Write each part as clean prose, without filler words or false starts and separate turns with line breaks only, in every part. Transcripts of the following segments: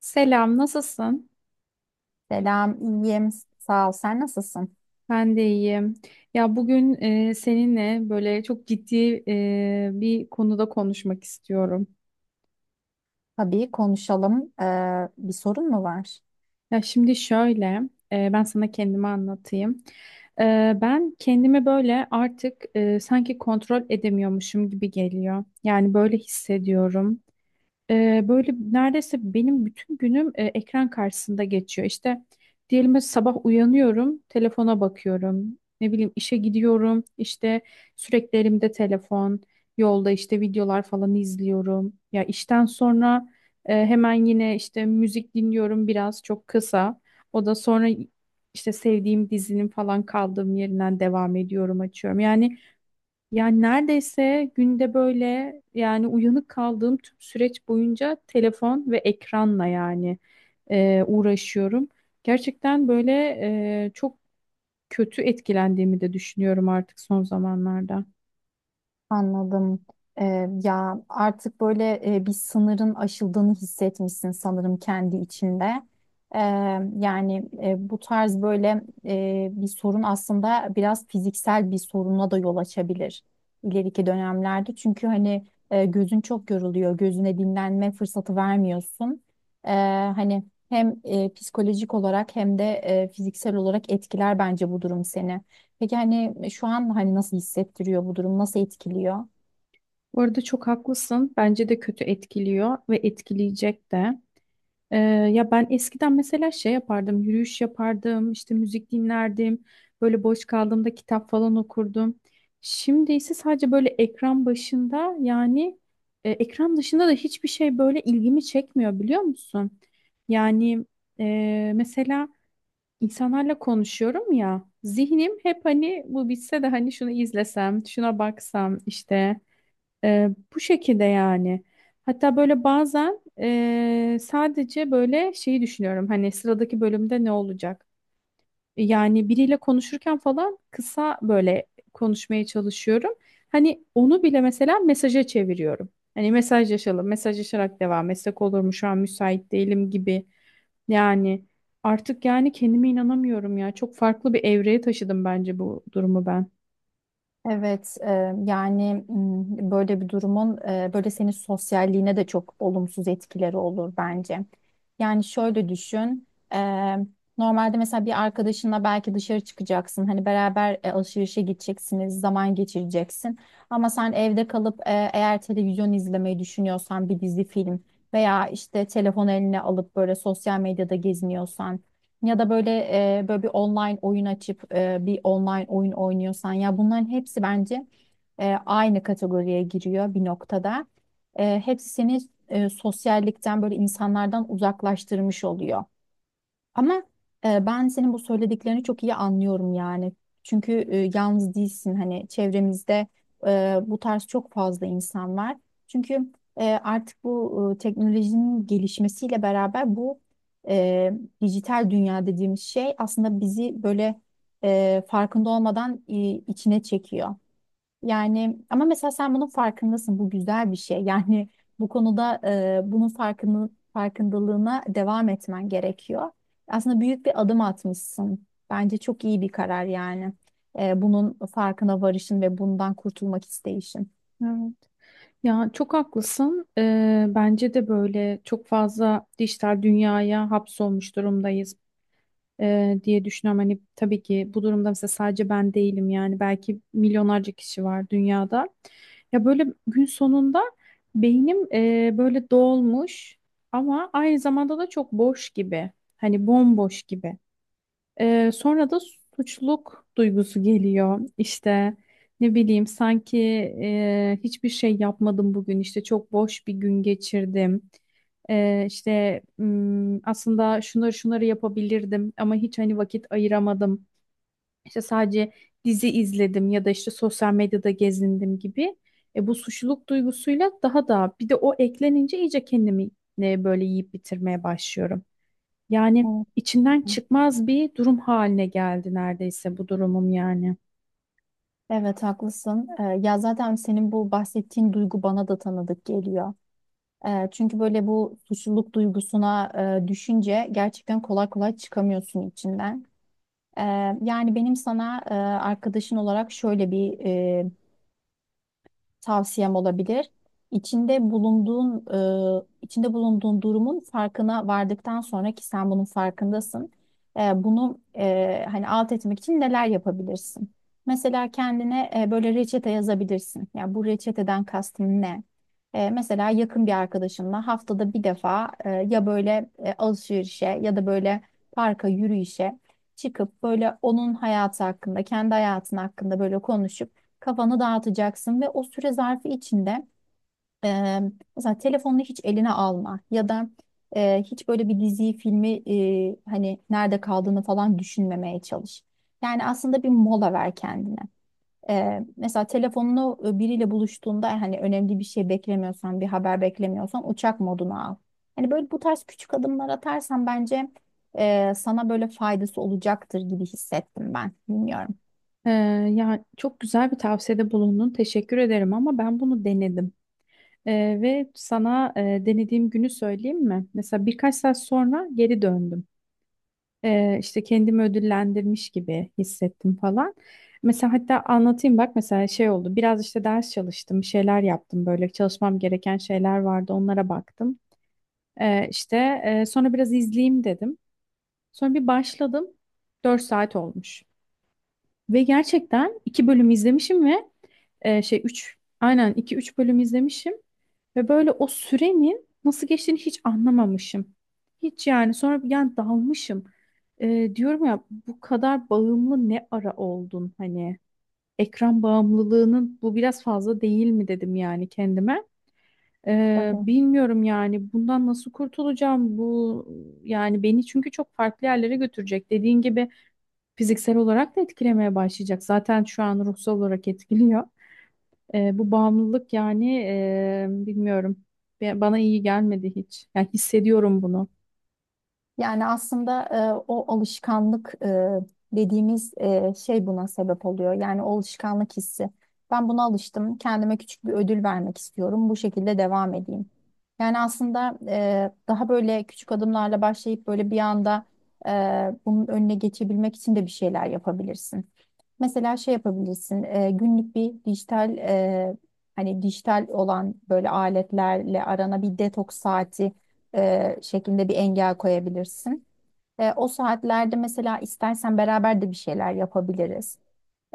Selam, nasılsın?
Selam, iyiyim. Sağ ol. Sen nasılsın?
Ben de iyiyim. Ya bugün seninle böyle çok ciddi bir konuda konuşmak istiyorum.
Tabii konuşalım. Bir sorun mu var?
Ya şimdi şöyle, ben sana kendimi anlatayım. E, ben kendimi böyle artık sanki kontrol edemiyormuşum gibi geliyor. Yani böyle hissediyorum. Böyle neredeyse benim bütün günüm ekran karşısında geçiyor. İşte diyelim mesela sabah uyanıyorum, telefona bakıyorum. Ne bileyim işe gidiyorum, işte sürekli elimde telefon, yolda işte videolar falan izliyorum. Ya işten sonra hemen yine işte müzik dinliyorum biraz çok kısa. O da sonra işte sevdiğim dizinin falan kaldığım yerinden devam ediyorum, açıyorum. Yani neredeyse günde böyle yani uyanık kaldığım tüm süreç boyunca telefon ve ekranla yani uğraşıyorum. Gerçekten böyle çok kötü etkilendiğimi de düşünüyorum artık son zamanlarda.
Anladım. Ya artık böyle bir sınırın aşıldığını hissetmişsin sanırım kendi içinde. Ee, Bu tarz böyle bir sorun aslında biraz fiziksel bir soruna da yol açabilir ileriki dönemlerde. Çünkü hani gözün çok yoruluyor, gözüne dinlenme fırsatı vermiyorsun. Ee, Hani hem psikolojik olarak hem de fiziksel olarak etkiler bence bu durum seni. Peki hani şu an hani nasıl hissettiriyor bu durum? Nasıl etkiliyor?
Bu arada çok haklısın. Bence de kötü etkiliyor ve etkileyecek de. Ee, ya ben eskiden mesela şey yapardım, yürüyüş yapardım, işte müzik dinlerdim, böyle boş kaldığımda kitap falan okurdum. Şimdi ise sadece böyle ekran başında yani ekran dışında da hiçbir şey böyle ilgimi çekmiyor biliyor musun? Yani mesela insanlarla konuşuyorum ya, zihnim hep hani bu bitse de hani şunu izlesem, şuna baksam işte. Ee, bu şekilde yani. Hatta böyle bazen sadece böyle şeyi düşünüyorum. Hani sıradaki bölümde ne olacak? Yani biriyle konuşurken falan kısa böyle konuşmaya çalışıyorum. Hani onu bile mesela mesaja çeviriyorum. Hani mesajlaşalım, mesajlaşarak devam etsek olur mu? Şu an müsait değilim gibi. Yani artık yani kendime inanamıyorum ya. Çok farklı bir evreye taşıdım bence bu durumu ben.
Evet, e, Yani böyle bir durumun böyle senin sosyalliğine de çok olumsuz etkileri olur bence. Yani şöyle düşün, e, normalde mesela bir arkadaşınla belki dışarı çıkacaksın, hani beraber alışverişe gideceksiniz, zaman geçireceksin. Ama sen evde kalıp eğer televizyon izlemeyi düşünüyorsan bir dizi film veya işte telefon eline alıp böyle sosyal medyada geziniyorsan. Ya da böyle böyle bir online oyun açıp bir online oyun oynuyorsan ya bunların hepsi bence aynı kategoriye giriyor bir noktada. Hepsi seni sosyallikten böyle insanlardan uzaklaştırmış oluyor. Ama ben senin bu söylediklerini çok iyi anlıyorum yani. Çünkü yalnız değilsin hani çevremizde bu tarz çok fazla insan var. Çünkü artık bu teknolojinin gelişmesiyle beraber bu e, dijital dünya dediğimiz şey aslında bizi böyle farkında olmadan içine çekiyor. Yani ama mesela sen bunun farkındasın. Bu güzel bir şey. Yani bu konuda bunun farkını, farkındalığına devam etmen gerekiyor. Aslında büyük bir adım atmışsın. Bence çok iyi bir karar yani. Bunun farkına varışın ve bundan kurtulmak isteyişin.
Evet. Ya çok haklısın. Bence de böyle çok fazla dijital dünyaya hapsolmuş durumdayız diye düşünüyorum. Hani tabii ki bu durumda mesela sadece ben değilim yani belki milyonlarca kişi var dünyada. Ya böyle gün sonunda beynim böyle dolmuş ama aynı zamanda da çok boş gibi. Hani bomboş gibi. Sonra da suçluluk duygusu geliyor. İşte ne bileyim sanki hiçbir şey yapmadım bugün. İşte çok boş bir gün geçirdim. İşte aslında şunları yapabilirdim ama hiç hani vakit ayıramadım. İşte sadece dizi izledim ya da işte sosyal medyada gezindim gibi. Bu suçluluk duygusuyla daha da bir de o eklenince iyice kendimi böyle yiyip bitirmeye başlıyorum. Yani
Evet,
içinden çıkmaz bir durum haline geldi neredeyse bu durumum yani.
evet, haklısın. Ya zaten senin bu bahsettiğin duygu bana da tanıdık geliyor. Çünkü böyle bu suçluluk duygusuna düşünce gerçekten kolay kolay çıkamıyorsun içinden. E, Yani benim sana arkadaşın olarak şöyle bir tavsiyem olabilir. İçinde bulunduğun içinde bulunduğun durumun farkına vardıktan sonra ki sen bunun farkındasın. Bunu hani alt etmek için neler yapabilirsin? Mesela kendine böyle reçete yazabilirsin. Yani bu reçeteden kastın ne? Mesela yakın bir arkadaşınla haftada bir defa ya böyle alışverişe ya da böyle parka yürüyüşe çıkıp böyle onun hayatı hakkında, kendi hayatın hakkında böyle konuşup kafanı dağıtacaksın ve o süre zarfı içinde e, mesela telefonunu hiç eline alma ya da hiç böyle bir diziyi filmi hani nerede kaldığını falan düşünmemeye çalış. Yani aslında bir mola ver kendine. Mesela telefonunu biriyle buluştuğunda hani önemli bir şey beklemiyorsan, bir haber beklemiyorsan uçak moduna al. Hani böyle bu tarz küçük adımlar atarsan bence sana böyle faydası olacaktır gibi hissettim ben. Bilmiyorum.
Ee, yani çok güzel bir tavsiyede bulundun. Teşekkür ederim ama ben bunu denedim. Ve sana denediğim günü söyleyeyim mi? Mesela birkaç saat sonra geri döndüm. İşte kendimi ödüllendirmiş gibi hissettim falan. Mesela hatta anlatayım bak mesela şey oldu. Biraz işte ders çalıştım, bir şeyler yaptım böyle çalışmam gereken şeyler vardı onlara baktım. İşte sonra biraz izleyeyim dedim. Sonra bir başladım. Dört saat olmuş. Ve gerçekten 2 bölüm izlemişim ve e, şey 3 aynen iki üç bölüm izlemişim. Ve böyle o sürenin nasıl geçtiğini hiç anlamamışım. Hiç yani sonra bir yani dalmışım. Diyorum ya bu kadar bağımlı ne ara oldun hani ekran bağımlılığının bu biraz fazla değil mi dedim yani kendime.
Tabii.
Bilmiyorum yani bundan nasıl kurtulacağım bu yani beni çünkü çok farklı yerlere götürecek dediğin gibi fiziksel olarak da etkilemeye başlayacak. Zaten şu an ruhsal olarak etkiliyor. Bu bağımlılık yani bilmiyorum. Bana iyi gelmedi hiç. Yani hissediyorum bunu.
Yani aslında o alışkanlık şey buna sebep oluyor. Yani o alışkanlık hissi. Ben buna alıştım. Kendime küçük bir ödül vermek istiyorum. Bu şekilde devam edeyim. Yani aslında daha böyle küçük adımlarla başlayıp böyle bir anda e, bunun önüne geçebilmek için de bir şeyler yapabilirsin. Mesela şey yapabilirsin, günlük bir dijital hani dijital olan böyle aletlerle arana bir detoks saati şeklinde bir engel koyabilirsin. O saatlerde mesela istersen beraber de bir şeyler yapabiliriz.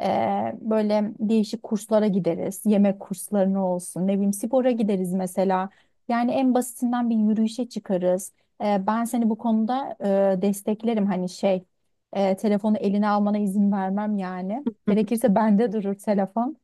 Böyle değişik kurslara gideriz. Yemek kurslarına olsun. Ne bileyim spora gideriz mesela. Yani en basitinden bir yürüyüşe çıkarız. Ben seni bu konuda desteklerim. Hani şey telefonu eline almana izin vermem yani.
Hı.
Gerekirse bende durur telefon.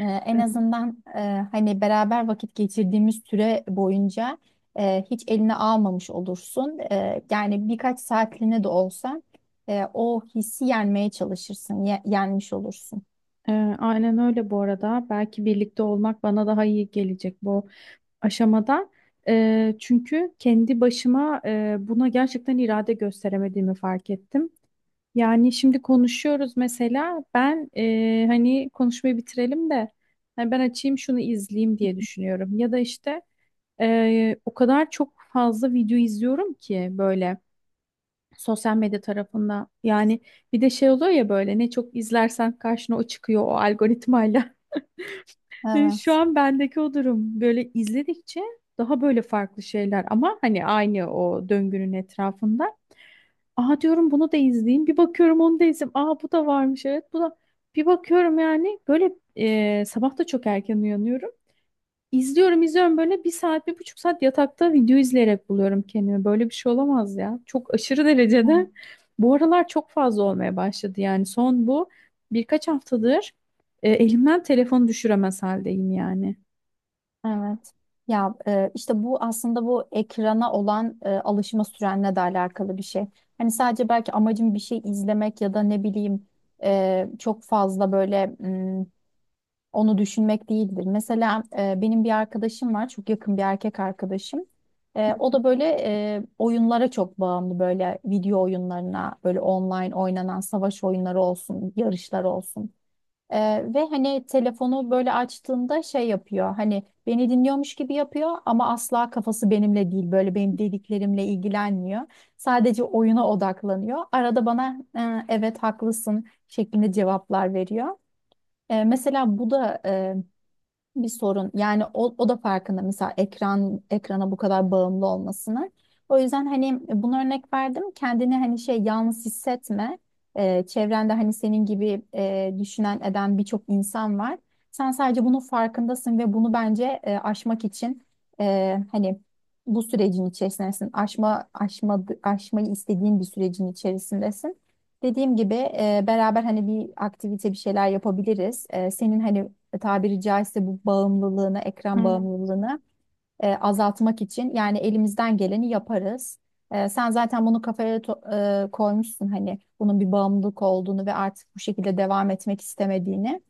En azından hani beraber vakit geçirdiğimiz süre boyunca hiç eline almamış olursun. Yani birkaç saatliğine de olsa o hissi yenmeye çalışırsın, yenmiş olursun.
Ee, aynen öyle bu arada. Belki birlikte olmak bana daha iyi gelecek bu aşamada. Çünkü kendi başıma buna gerçekten irade gösteremediğimi fark ettim. Yani şimdi konuşuyoruz mesela ben hani konuşmayı bitirelim de hani ben açayım şunu izleyeyim diye düşünüyorum. Ya da işte o kadar çok fazla video izliyorum ki böyle sosyal medya tarafında. Yani bir de şey oluyor ya böyle ne çok izlersen karşına o çıkıyor o algoritmayla. Şu
Evet.
an bendeki o durum böyle izledikçe daha böyle farklı şeyler ama hani aynı o döngünün etrafında. Aa diyorum bunu da izleyeyim. Bir bakıyorum onu da izleyeyim. Aa bu da varmış evet. Bu da bir bakıyorum yani böyle sabah da çok erken uyanıyorum. İzliyorum böyle bir saat bir buçuk saat yatakta video izleyerek buluyorum kendimi. Böyle bir şey olamaz ya. Çok aşırı
Hı.
derecede. Bu aralar çok fazla olmaya başladı yani son bu birkaç haftadır elimden telefonu düşüremez haldeyim yani.
Evet. Ya işte bu aslında bu ekrana olan alışma sürenle de alakalı bir şey. Hani sadece belki amacım bir şey izlemek ya da ne bileyim çok fazla böyle onu düşünmek değildir. Mesela benim bir arkadaşım var, çok yakın bir erkek arkadaşım. O da böyle oyunlara çok bağımlı böyle video oyunlarına, böyle online oynanan savaş oyunları olsun, yarışlar olsun. Ve hani telefonu böyle açtığında şey yapıyor hani beni dinliyormuş gibi yapıyor ama asla kafası benimle değil böyle benim dediklerimle ilgilenmiyor. Sadece oyuna odaklanıyor. Arada bana Evet haklısın" şeklinde cevaplar veriyor. Mesela bu da bir sorun. Yani o da farkında mesela ekran ekrana bu kadar bağımlı olmasını. O yüzden hani bunu örnek verdim. Kendini hani şey yalnız hissetme. Çevrende hani senin gibi düşünen eden birçok insan var. Sen sadece bunun farkındasın ve bunu bence aşmak için e, hani bu sürecin içerisindesin. Aşmayı istediğin bir sürecin içerisindesin. Dediğim gibi beraber hani bir aktivite bir şeyler yapabiliriz. Senin hani tabiri caizse bu bağımlılığını, ekran
Evet.
bağımlılığını azaltmak için yani elimizden geleni yaparız. Sen zaten bunu koymuşsun hani bunun bir bağımlılık olduğunu ve artık bu şekilde devam etmek istemediğini.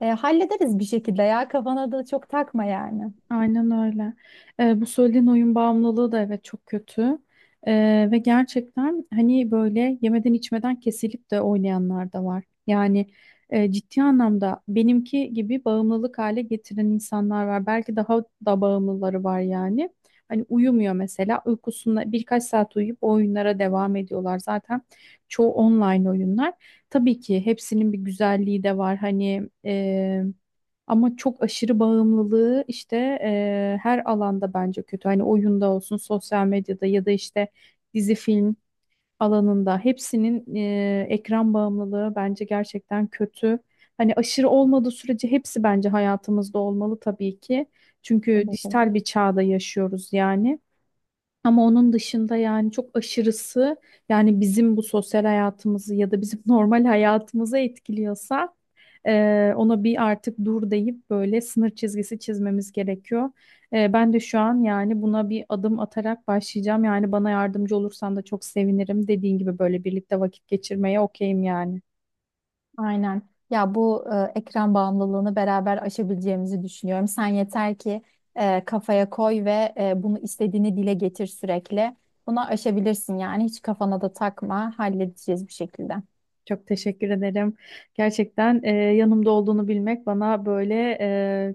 Hallederiz bir şekilde ya kafana da çok takma yani.
Aynen öyle. Bu söylediğin oyun bağımlılığı da evet çok kötü. Ve gerçekten hani böyle yemeden içmeden kesilip de oynayanlar da var. Yani ciddi anlamda benimki gibi bağımlılık hale getiren insanlar var. Belki daha da bağımlıları var yani. Hani uyumuyor mesela uykusunda birkaç saat uyuyup o oyunlara devam ediyorlar. Zaten çoğu online oyunlar. Tabii ki hepsinin bir güzelliği de var. Hani... ama çok aşırı bağımlılığı işte her alanda bence kötü. Hani oyunda olsun, sosyal medyada ya da işte dizi film alanında hepsinin ekran bağımlılığı bence gerçekten kötü. Hani aşırı olmadığı sürece hepsi bence hayatımızda olmalı tabii ki. Çünkü
Olur.
dijital bir çağda yaşıyoruz yani. Ama onun dışında yani çok aşırısı yani bizim bu sosyal hayatımızı ya da bizim normal hayatımızı etkiliyorsa ona bir artık dur deyip böyle sınır çizgisi çizmemiz gerekiyor. Ben de şu an yani buna bir adım atarak başlayacağım. Yani bana yardımcı olursan da çok sevinirim. Dediğin gibi böyle birlikte vakit geçirmeye okeyim yani.
Aynen. Ya bu ekran bağımlılığını beraber aşabileceğimizi düşünüyorum. Sen yeter ki kafaya koy ve bunu istediğini dile getir sürekli. Bunu aşabilirsin yani hiç kafana da takma, halledeceğiz bir şekilde.
Çok teşekkür ederim. Gerçekten yanımda olduğunu bilmek bana böyle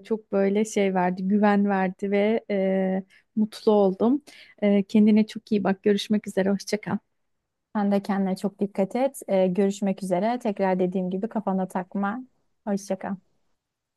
çok böyle şey verdi, güven verdi ve mutlu oldum. Kendine çok iyi bak. Görüşmek üzere. Hoşça kal.
Sen de kendine çok dikkat et. Görüşmek üzere. Tekrar dediğim gibi kafana takma. Hoşça kal.